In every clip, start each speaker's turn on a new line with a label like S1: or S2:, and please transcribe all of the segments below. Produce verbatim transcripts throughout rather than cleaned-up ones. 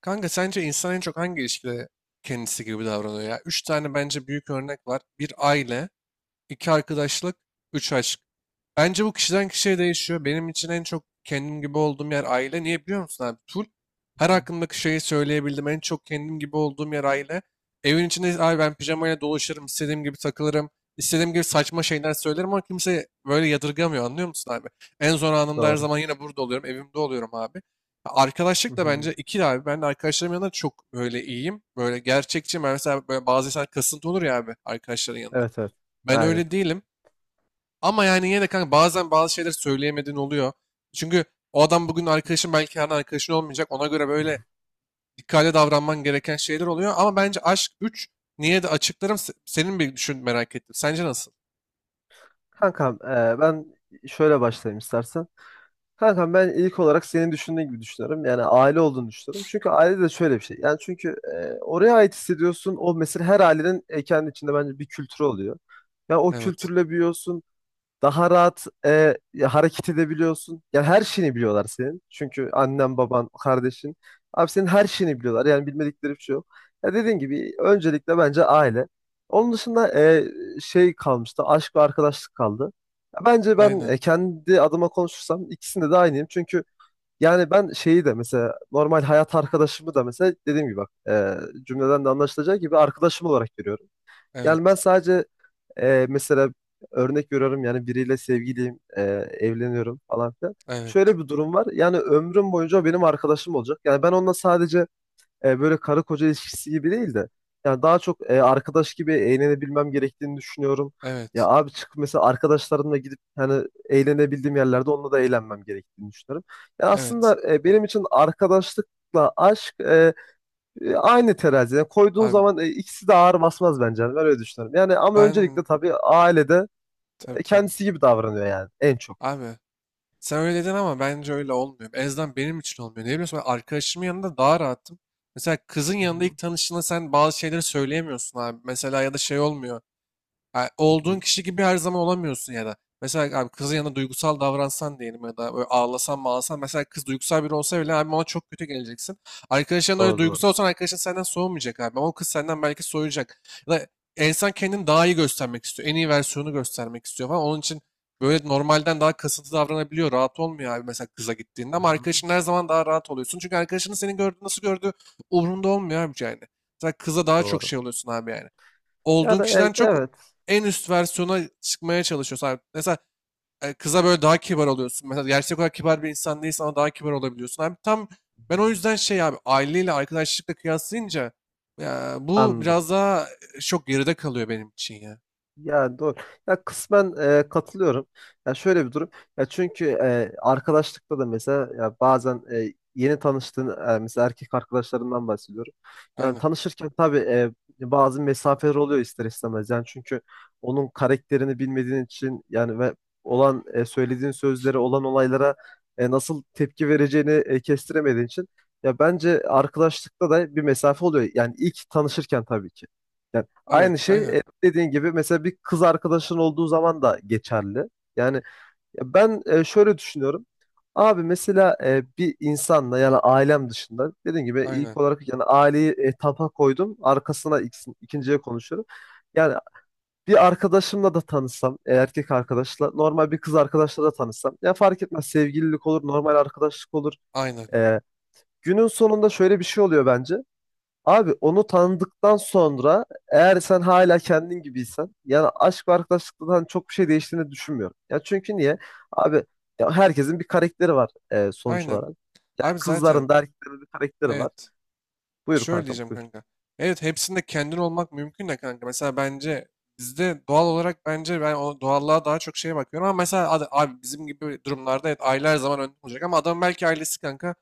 S1: Kanka sence insan en çok hangi ilişkide kendisi gibi davranıyor ya? Üç tane bence büyük örnek var. Bir aile, iki arkadaşlık, üç aşk. Bence bu kişiden kişiye değişiyor. Benim için en çok kendim gibi olduğum yer aile. Niye biliyor musun abi? Full her
S2: Hı.
S1: hakkındaki şeyi söyleyebildim. En çok kendim gibi olduğum yer aile. Evin içinde abi ben pijamayla dolaşırım. İstediğim gibi takılırım. İstediğim gibi saçma şeyler söylerim ama kimse böyle yadırgamıyor, anlıyor musun abi? En zor anımda her
S2: Doğru.
S1: zaman yine burada oluyorum. Evimde oluyorum abi.
S2: Hı
S1: Arkadaşlık da
S2: hı.
S1: bence ikili abi. Ben de arkadaşlarım yanında çok böyle iyiyim. Böyle gerçekçi. Ben mesela böyle bazı insan kasıntı olur ya abi arkadaşların yanında.
S2: Evet, evet.
S1: Ben
S2: Aynen.
S1: öyle değilim. Ama yani yine de kanka bazen bazı şeyler söyleyemediğin oluyor. Çünkü o adam bugün arkadaşın belki yarın arkadaşın olmayacak. Ona göre böyle dikkatli davranman gereken şeyler oluyor. Ama bence aşk üç, niye de açıklarım, se- senin bir düşün, merak ettim. Sence nasıl?
S2: Kankam e, ben şöyle başlayayım istersen. Kankam ben ilk olarak senin düşündüğün gibi düşünüyorum. Yani aile olduğunu düşünüyorum. Çünkü aile de şöyle bir şey. Yani çünkü e, oraya ait hissediyorsun. O mesela her ailenin e, kendi içinde bence bir kültürü oluyor. Ya o
S1: Evet.
S2: kültürle büyüyorsun. Daha rahat e, hareket edebiliyorsun. Yani her şeyini biliyorlar senin. Çünkü annen, baban, kardeşin. Abi senin her şeyini biliyorlar. Yani bilmedikleri bir şey yok. Ya dediğin gibi öncelikle bence aile. Onun dışında e, şey kalmıştı. Aşk ve arkadaşlık kaldı. Ya bence ben
S1: Aynen.
S2: e, kendi adıma konuşursam ikisinde de aynıyım. Çünkü yani ben şeyi de mesela normal hayat arkadaşımı da mesela dediğim gibi bak e, cümleden de anlaşılacağı gibi arkadaşım olarak görüyorum. Yani ben
S1: Evet.
S2: sadece e, mesela örnek veriyorum yani biriyle sevgiliyim, e, evleniyorum falan filan.
S1: Evet.
S2: Şöyle bir durum var. Yani ömrüm boyunca o benim arkadaşım olacak. Yani ben onunla sadece e, böyle karı koca ilişkisi gibi değil de yani daha çok e, arkadaş gibi eğlenebilmem gerektiğini düşünüyorum. Ya
S1: Evet.
S2: abi çık mesela arkadaşlarımla gidip hani eğlenebildiğim yerlerde onunla da eğlenmem gerektiğini düşünüyorum. Yani
S1: Evet.
S2: aslında e, benim için arkadaşlıkla aşk e, e, Aynı teraziye koyduğun
S1: Abi
S2: zaman e, ikisi de ağır basmaz bence. Yani ben öyle düşünüyorum. Yani ama öncelikle
S1: ben,
S2: tabii ailede
S1: tabii
S2: e,
S1: tabii.
S2: kendisi gibi davranıyor yani en çok.
S1: Abi sen öyle dedin ama bence öyle olmuyor. En azından benim için olmuyor. Ne biliyorsun, ben arkadaşımın yanında daha rahatım. Mesela kızın
S2: Hı
S1: yanında
S2: hı.
S1: ilk tanıştığında sen bazı şeyleri söyleyemiyorsun abi. Mesela ya da şey olmuyor. Ha,
S2: Hı
S1: olduğun
S2: hı.
S1: kişi gibi her zaman olamıyorsun ya da. Mesela abi kızın yanında duygusal davransan diyelim ya da böyle ağlasan mağlasan. Mesela kız duygusal biri olsa bile abi ona çok kötü geleceksin. Arkadaşların öyle
S2: Doğru,
S1: duygusal
S2: doğru.
S1: olsan arkadaşın senden soğumayacak abi. Ama o kız senden belki soğuyacak. Ya da insan kendini daha iyi göstermek istiyor. En iyi versiyonu göstermek istiyor falan. Onun için böyle normalden daha kasıntı davranabiliyor. Rahat olmuyor abi mesela kıza gittiğinde.
S2: Hı
S1: Ama
S2: hı.
S1: arkadaşın her zaman daha rahat oluyorsun. Çünkü arkadaşının seni gördüğü, nasıl gördüğü umurunda olmuyor abi yani. Mesela kıza daha çok
S2: Doğru.
S1: şey oluyorsun abi, yani
S2: Ya
S1: olduğun
S2: da e,
S1: kişiden çok
S2: evet.
S1: en üst versiyona çıkmaya çalışıyorsun. Abi mesela e, kıza böyle daha kibar oluyorsun. Mesela gerçek olarak kibar bir insan değilsen ama daha kibar olabiliyorsun. Abi tam,
S2: Hı
S1: ben o
S2: hı.
S1: yüzden şey abi, aileyle arkadaşlıkla kıyaslayınca ya, bu
S2: Anladım.
S1: biraz daha e, çok geride kalıyor benim için ya.
S2: Yani doğru. Ya kısmen e, katılıyorum. Ya şöyle bir durum. Ya çünkü e, arkadaşlıkta da mesela ya bazen e, yeni tanıştığın e, mesela erkek arkadaşlarından bahsediyorum. Yani
S1: Aynen.
S2: tanışırken tabii e, bazı mesafeler oluyor ister istemez. Yani çünkü onun karakterini bilmediğin için yani ve olan e, söylediğin sözleri olan olaylara e, nasıl tepki vereceğini e, kestiremediğin için ya bence arkadaşlıkta da bir mesafe oluyor. Yani ilk tanışırken tabii ki.
S1: Abi
S2: Aynı şey
S1: aynen.
S2: e, dediğin gibi mesela bir kız arkadaşın olduğu zaman da geçerli. Yani ya ben e, şöyle düşünüyorum. Abi mesela e, bir insanla yani ailem dışında dediğim gibi
S1: Aynen.
S2: ilk olarak yani aileyi e, tapa koydum. Arkasına ikisi- ikinciye konuşuyorum. Yani bir arkadaşımla da tanışsam, e, erkek arkadaşla, normal bir kız arkadaşla da tanışsam. Ya fark etmez sevgililik olur, normal arkadaşlık olur.
S1: Aynen.
S2: E, Günün sonunda şöyle bir şey oluyor bence. Abi onu tanıdıktan sonra eğer sen hala kendin gibiysen yani aşk ve arkadaşlıktan hani çok bir şey değiştiğini düşünmüyorum. Ya çünkü niye? Abi ya herkesin bir karakteri var e, sonuç
S1: Aynen.
S2: olarak.
S1: Abi zaten
S2: Kızların da erkeklerin de bir karakteri var.
S1: evet.
S2: Buyur
S1: Şöyle
S2: kankam
S1: diyeceğim
S2: buyur.
S1: kanka. Evet, hepsinde kendin olmak mümkün de kanka. Mesela bence bizde doğal olarak, bence ben o doğallığa daha çok şeye bakıyorum, ama mesela ad- abi bizim gibi durumlarda evet aile her zaman önde olacak ama adam belki ailesi kanka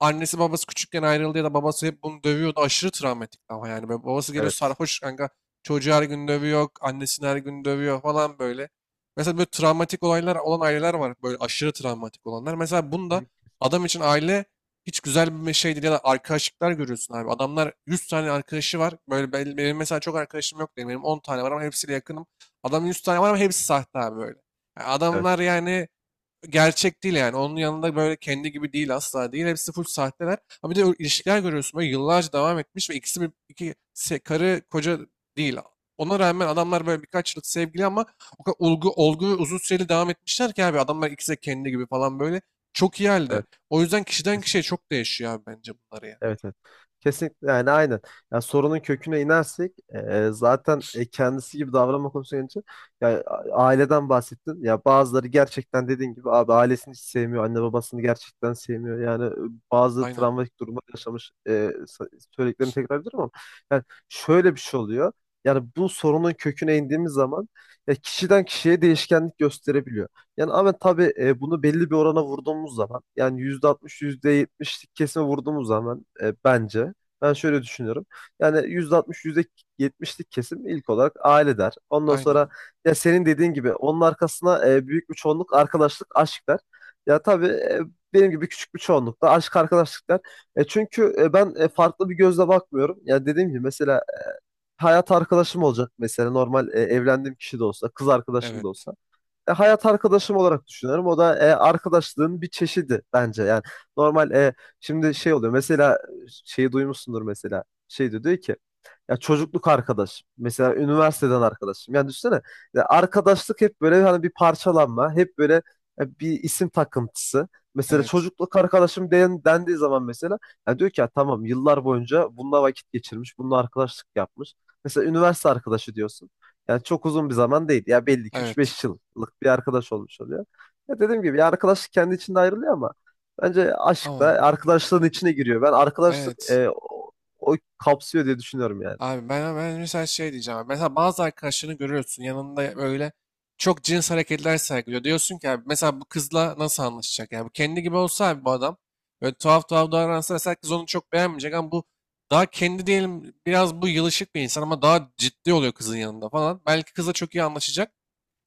S1: annesi babası küçükken ayrıldı ya da babası hep bunu dövüyordu. Aşırı travmatik ama yani. Böyle babası geliyor
S2: Evet.
S1: sarhoş kanka. Çocuğu her gün dövüyor. Annesini her gün dövüyor falan böyle. Mesela böyle travmatik olaylar olan aileler var. Böyle aşırı travmatik olanlar. Mesela
S2: Hı
S1: bunda
S2: hı.
S1: adam için aile hiç güzel bir şey değil. Ya da arkadaşlıklar görüyorsun abi. Adamlar yüz tane arkadaşı var. Böyle ben- benim mesela çok arkadaşım yok değil. Benim on tane var ama hepsiyle yakınım. Adamın yüz tane var ama hepsi sahte abi böyle. Yani adamlar
S2: Evet.
S1: yani gerçek değil yani. Onun yanında böyle kendi gibi değil, asla değil. Hepsi full sahteler. Ama bir de o ilişkiler görüyorsun böyle yıllarca devam etmiş ve ikisi bir iki se- karı koca değil. Ona rağmen adamlar böyle birkaç yıllık sevgili ama o kadar olgu, olgu ve uzun süreli devam etmişler ki abi adamlar ikisi de kendi gibi falan böyle. Çok iyi halde.
S2: Evet.
S1: O yüzden kişiden
S2: Kesin.
S1: kişiye çok değişiyor abi bence bunları ya.
S2: Evet, evet. Kesinlikle yani aynen. Ya sorunun köküne inersek e, zaten e, kendisi gibi davranma konusuna gelince ya a- aileden bahsettin. Ya bazıları gerçekten dediğin gibi abi ailesini hiç sevmiyor, anne babasını gerçekten sevmiyor. Yani e, bazı
S1: Aynen.
S2: travmatik durumlar yaşamış e, sa- söylediklerini tekrar ediyorum ama yani şöyle bir şey oluyor. Yani bu sorunun köküne indiğimiz zaman ya kişiden kişiye değişkenlik gösterebiliyor. Yani ama tabii e, bunu belli bir orana vurduğumuz zaman yani yüzde altmış yüzde yetmişlik kesime vurduğumuz zaman e, bence ben şöyle düşünüyorum. Yani yüzde altmış yüzde yetmişlik kesim ilk olarak aile der. Ondan
S1: Aynen.
S2: sonra ya senin dediğin gibi onun arkasına e, büyük bir çoğunluk arkadaşlık aşk der. Ya tabii e, benim gibi küçük bir çoğunluk da aşk arkadaşlık der. E, çünkü e, ben e, farklı bir gözle bakmıyorum. Ya dediğim gibi mesela hayat arkadaşım olacak mesela normal e, evlendiğim kişi de olsa kız arkadaşım da
S1: Evet.
S2: olsa e, hayat arkadaşım olarak düşünüyorum. O da e, arkadaşlığın bir çeşidi bence. Yani normal e, şimdi şey oluyor. Mesela e, şeyi duymuşsundur mesela. Şey diyor, diyor ki ya çocukluk arkadaş. Mesela üniversiteden arkadaşım. Yani düşünsene ya arkadaşlık hep böyle hani bir parçalanma, hep böyle e, bir isim takıntısı. Mesela
S1: Evet.
S2: çocukluk arkadaşım den, dendiği zaman mesela ya diyor ki ya tamam yıllar boyunca bununla vakit geçirmiş, bununla arkadaşlık yapmış. Mesela üniversite arkadaşı diyorsun. Yani çok uzun bir zaman değil. Ya belli ki üç
S1: Evet.
S2: beş yıllık bir arkadaş olmuş oluyor. Ya dediğim gibi ya arkadaşlık kendi içinde ayrılıyor ama bence aşk da
S1: Ama
S2: arkadaşlığın içine giriyor. Ben arkadaşlık
S1: evet.
S2: e, o, o kapsıyor diye düşünüyorum yani.
S1: Abi ben, ben mesela şey diyeceğim, abi. Mesela bazı arkadaşlarını görüyorsun, yanında böyle çok cins hareketler sergiliyor. Diyorsun ki abi mesela bu kızla nasıl anlaşacak? Yani bu kendi gibi olsa abi, bu adam böyle tuhaf tuhaf davransa mesela kız onu çok beğenmeyecek, ama bu daha kendi diyelim, biraz bu yılışık bir insan ama daha ciddi oluyor kızın yanında falan. Belki kızla çok iyi anlaşacak.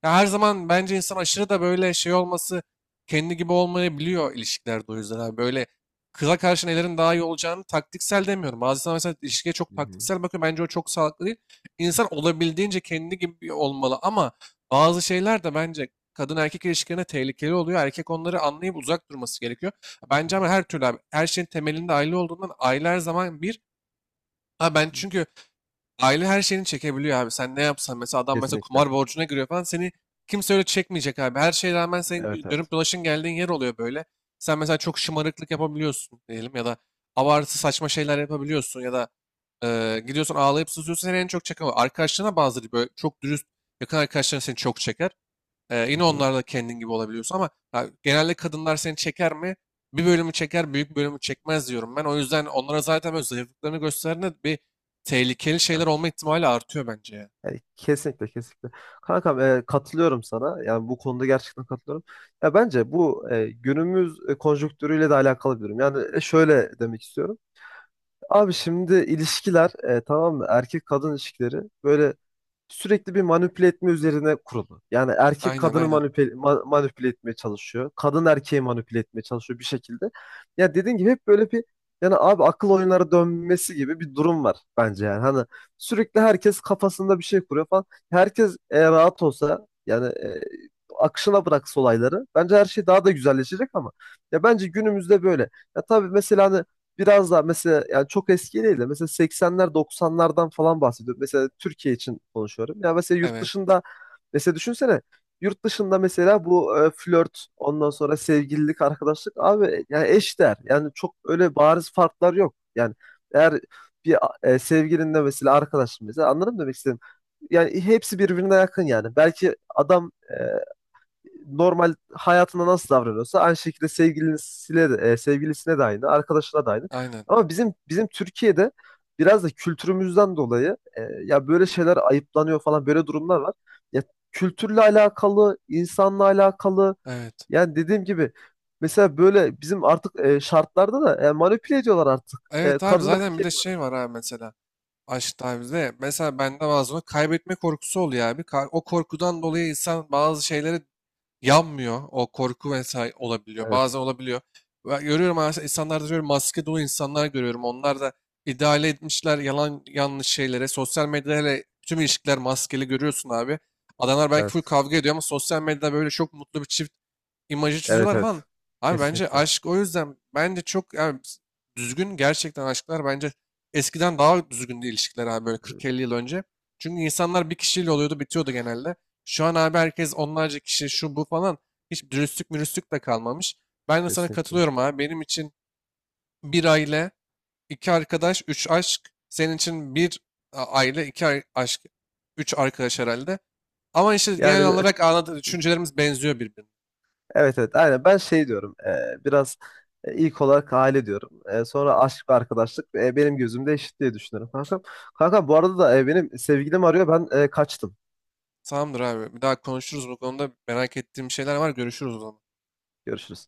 S1: Ya her zaman bence insan aşırı da böyle şey olması kendi gibi olmayabiliyor ilişkilerde, o yüzden abi. Böyle kıza karşı nelerin daha iyi olacağını, taktiksel demiyorum. Bazı insan mesela ilişkiye çok
S2: Hı hı.
S1: taktiksel bakıyor. Bence o çok sağlıklı değil. İnsan olabildiğince kendi gibi olmalı ama bazı şeyler de bence kadın erkek ilişkilerine tehlikeli oluyor. Erkek onları anlayıp uzak durması gerekiyor.
S2: Hı hı.
S1: Bence ama her türlü abi, her şeyin temelinde aile olduğundan aile her zaman bir. Ha ben çünkü Aile her şeyini çekebiliyor abi. Sen ne yapsan, mesela adam mesela
S2: Kesinlikle.
S1: kumar borcuna giriyor falan, seni kimse öyle çekmeyecek abi. Her şeye rağmen senin
S2: Evet,
S1: gö-
S2: evet.
S1: dönüp dolaşın geldiğin yer oluyor böyle. Sen mesela çok şımarıklık yapabiliyorsun diyelim ya da abartı saçma şeyler yapabiliyorsun ya da e, gidiyorsun ağlayıp sızıyorsun, seni en çok çeken o. Arkadaşlarına, bazıları böyle çok dürüst yakın arkadaşların seni çok çeker. Ee,
S2: Hı
S1: yine
S2: hı.
S1: onlarla kendin gibi olabiliyorsun ama ha, genelde kadınlar seni çeker mi? Bir bölümü çeker, büyük bölümü çekmez diyorum ben. O yüzden onlara zaten böyle zayıflıklarını gösterdiğinde bir tehlikeli şeyler
S2: Evet.
S1: olma ihtimali artıyor bence ya.
S2: Yani kesinlikle, kesinlikle. Kankam e, katılıyorum sana. Yani bu konuda gerçekten katılıyorum. Ya bence bu e, günümüz e, konjonktürüyle de alakalı bir durum. Yani e, şöyle demek istiyorum. Abi şimdi ilişkiler e, tamam mı? Erkek kadın ilişkileri böyle sürekli bir manipüle etme üzerine kurulu. Yani erkek
S1: Aynen,
S2: kadını
S1: aynen.
S2: manipüle, ma- manipüle etmeye çalışıyor. Kadın erkeği manipüle etmeye çalışıyor bir şekilde. Ya dediğin gibi hep böyle bir yani abi akıl oyunları dönmesi gibi bir durum var bence yani. Hani sürekli herkes kafasında bir şey kuruyor falan. Herkes e, rahat olsa yani e, akışına bıraksa olayları bence her şey daha da güzelleşecek ama ya bence günümüzde böyle. Ya tabii mesela hani biraz daha mesela yani çok eski değil de mesela seksenler doksanlardan falan bahsediyorum. Mesela Türkiye için konuşuyorum. Ya mesela yurt
S1: Evet.
S2: dışında mesela düşünsene yurt dışında mesela bu e, flört ondan sonra sevgililik arkadaşlık abi yani eşdeğer. Yani çok öyle bariz farklar yok. Yani eğer bir e, sevgilinle mesela arkadaşın mesela anladın mı demek istedim. Yani hepsi birbirine yakın yani. Belki adam e, normal hayatında nasıl davranıyorsa aynı şekilde sevgilisiyle, de, e, sevgilisine de aynı, arkadaşına da aynı.
S1: Aynen.
S2: Ama bizim bizim Türkiye'de biraz da kültürümüzden dolayı e, ya böyle şeyler ayıplanıyor falan böyle durumlar var. Ya kültürle alakalı, insanla alakalı
S1: Evet.
S2: yani dediğim gibi mesela böyle bizim artık e, şartlarda da e, manipüle ediyorlar artık. E,
S1: Evet abi,
S2: kadın
S1: zaten bir
S2: erkeği
S1: de şey
S2: manipüle.
S1: var abi mesela. Aşk abi de mesela bende bazen kaybetme korkusu oluyor abi. Ka- O korkudan dolayı insan bazı şeylere yanmıyor. O korku vesaire olabiliyor. Bazen
S2: Evet,
S1: olabiliyor. Ve görüyorum, aslında insanlarda görüyorum, maske dolu insanlar görüyorum. Onlar da ideale etmişler yalan yanlış şeylere. Sosyal medyada hele tüm ilişkiler maskeli görüyorsun abi. Adamlar belki full
S2: evet.
S1: kavga ediyor ama sosyal medyada böyle çok mutlu bir çift imajı
S2: Evet,
S1: çiziyorlar falan.
S2: evet.
S1: Abi bence
S2: Kesinlikle.
S1: aşk o yüzden bence çok yani düzgün, gerçekten aşklar bence eskiden daha düzgündü ilişkiler abi, böyle
S2: Hı.
S1: kırk elli yıl önce. Çünkü insanlar bir kişiyle oluyordu bitiyordu genelde. Şu an abi herkes onlarca kişi, şu bu falan, hiç dürüstlük mürüstlük de kalmamış. Ben de sana
S2: Kesinlikle.
S1: katılıyorum abi, benim için bir aile, iki arkadaş, üç aşk. Senin için bir a- aile, iki ar- aşk, üç arkadaş herhalde. Ama işte genel
S2: Yani
S1: olarak anladığı düşüncelerimiz benziyor birbirine.
S2: Evet, evet, aynen, ben şey diyorum e, biraz e, ilk olarak aile diyorum. E, sonra aşk ve arkadaşlık e, benim gözümde eşit diye düşünüyorum kankam. Kankam bu arada da e, benim sevgilim arıyor ben e, kaçtım.
S1: Tamamdır abi. Bir daha konuşuruz bu konuda. Merak ettiğim şeyler var. Görüşürüz o zaman.
S2: Görüşürüz.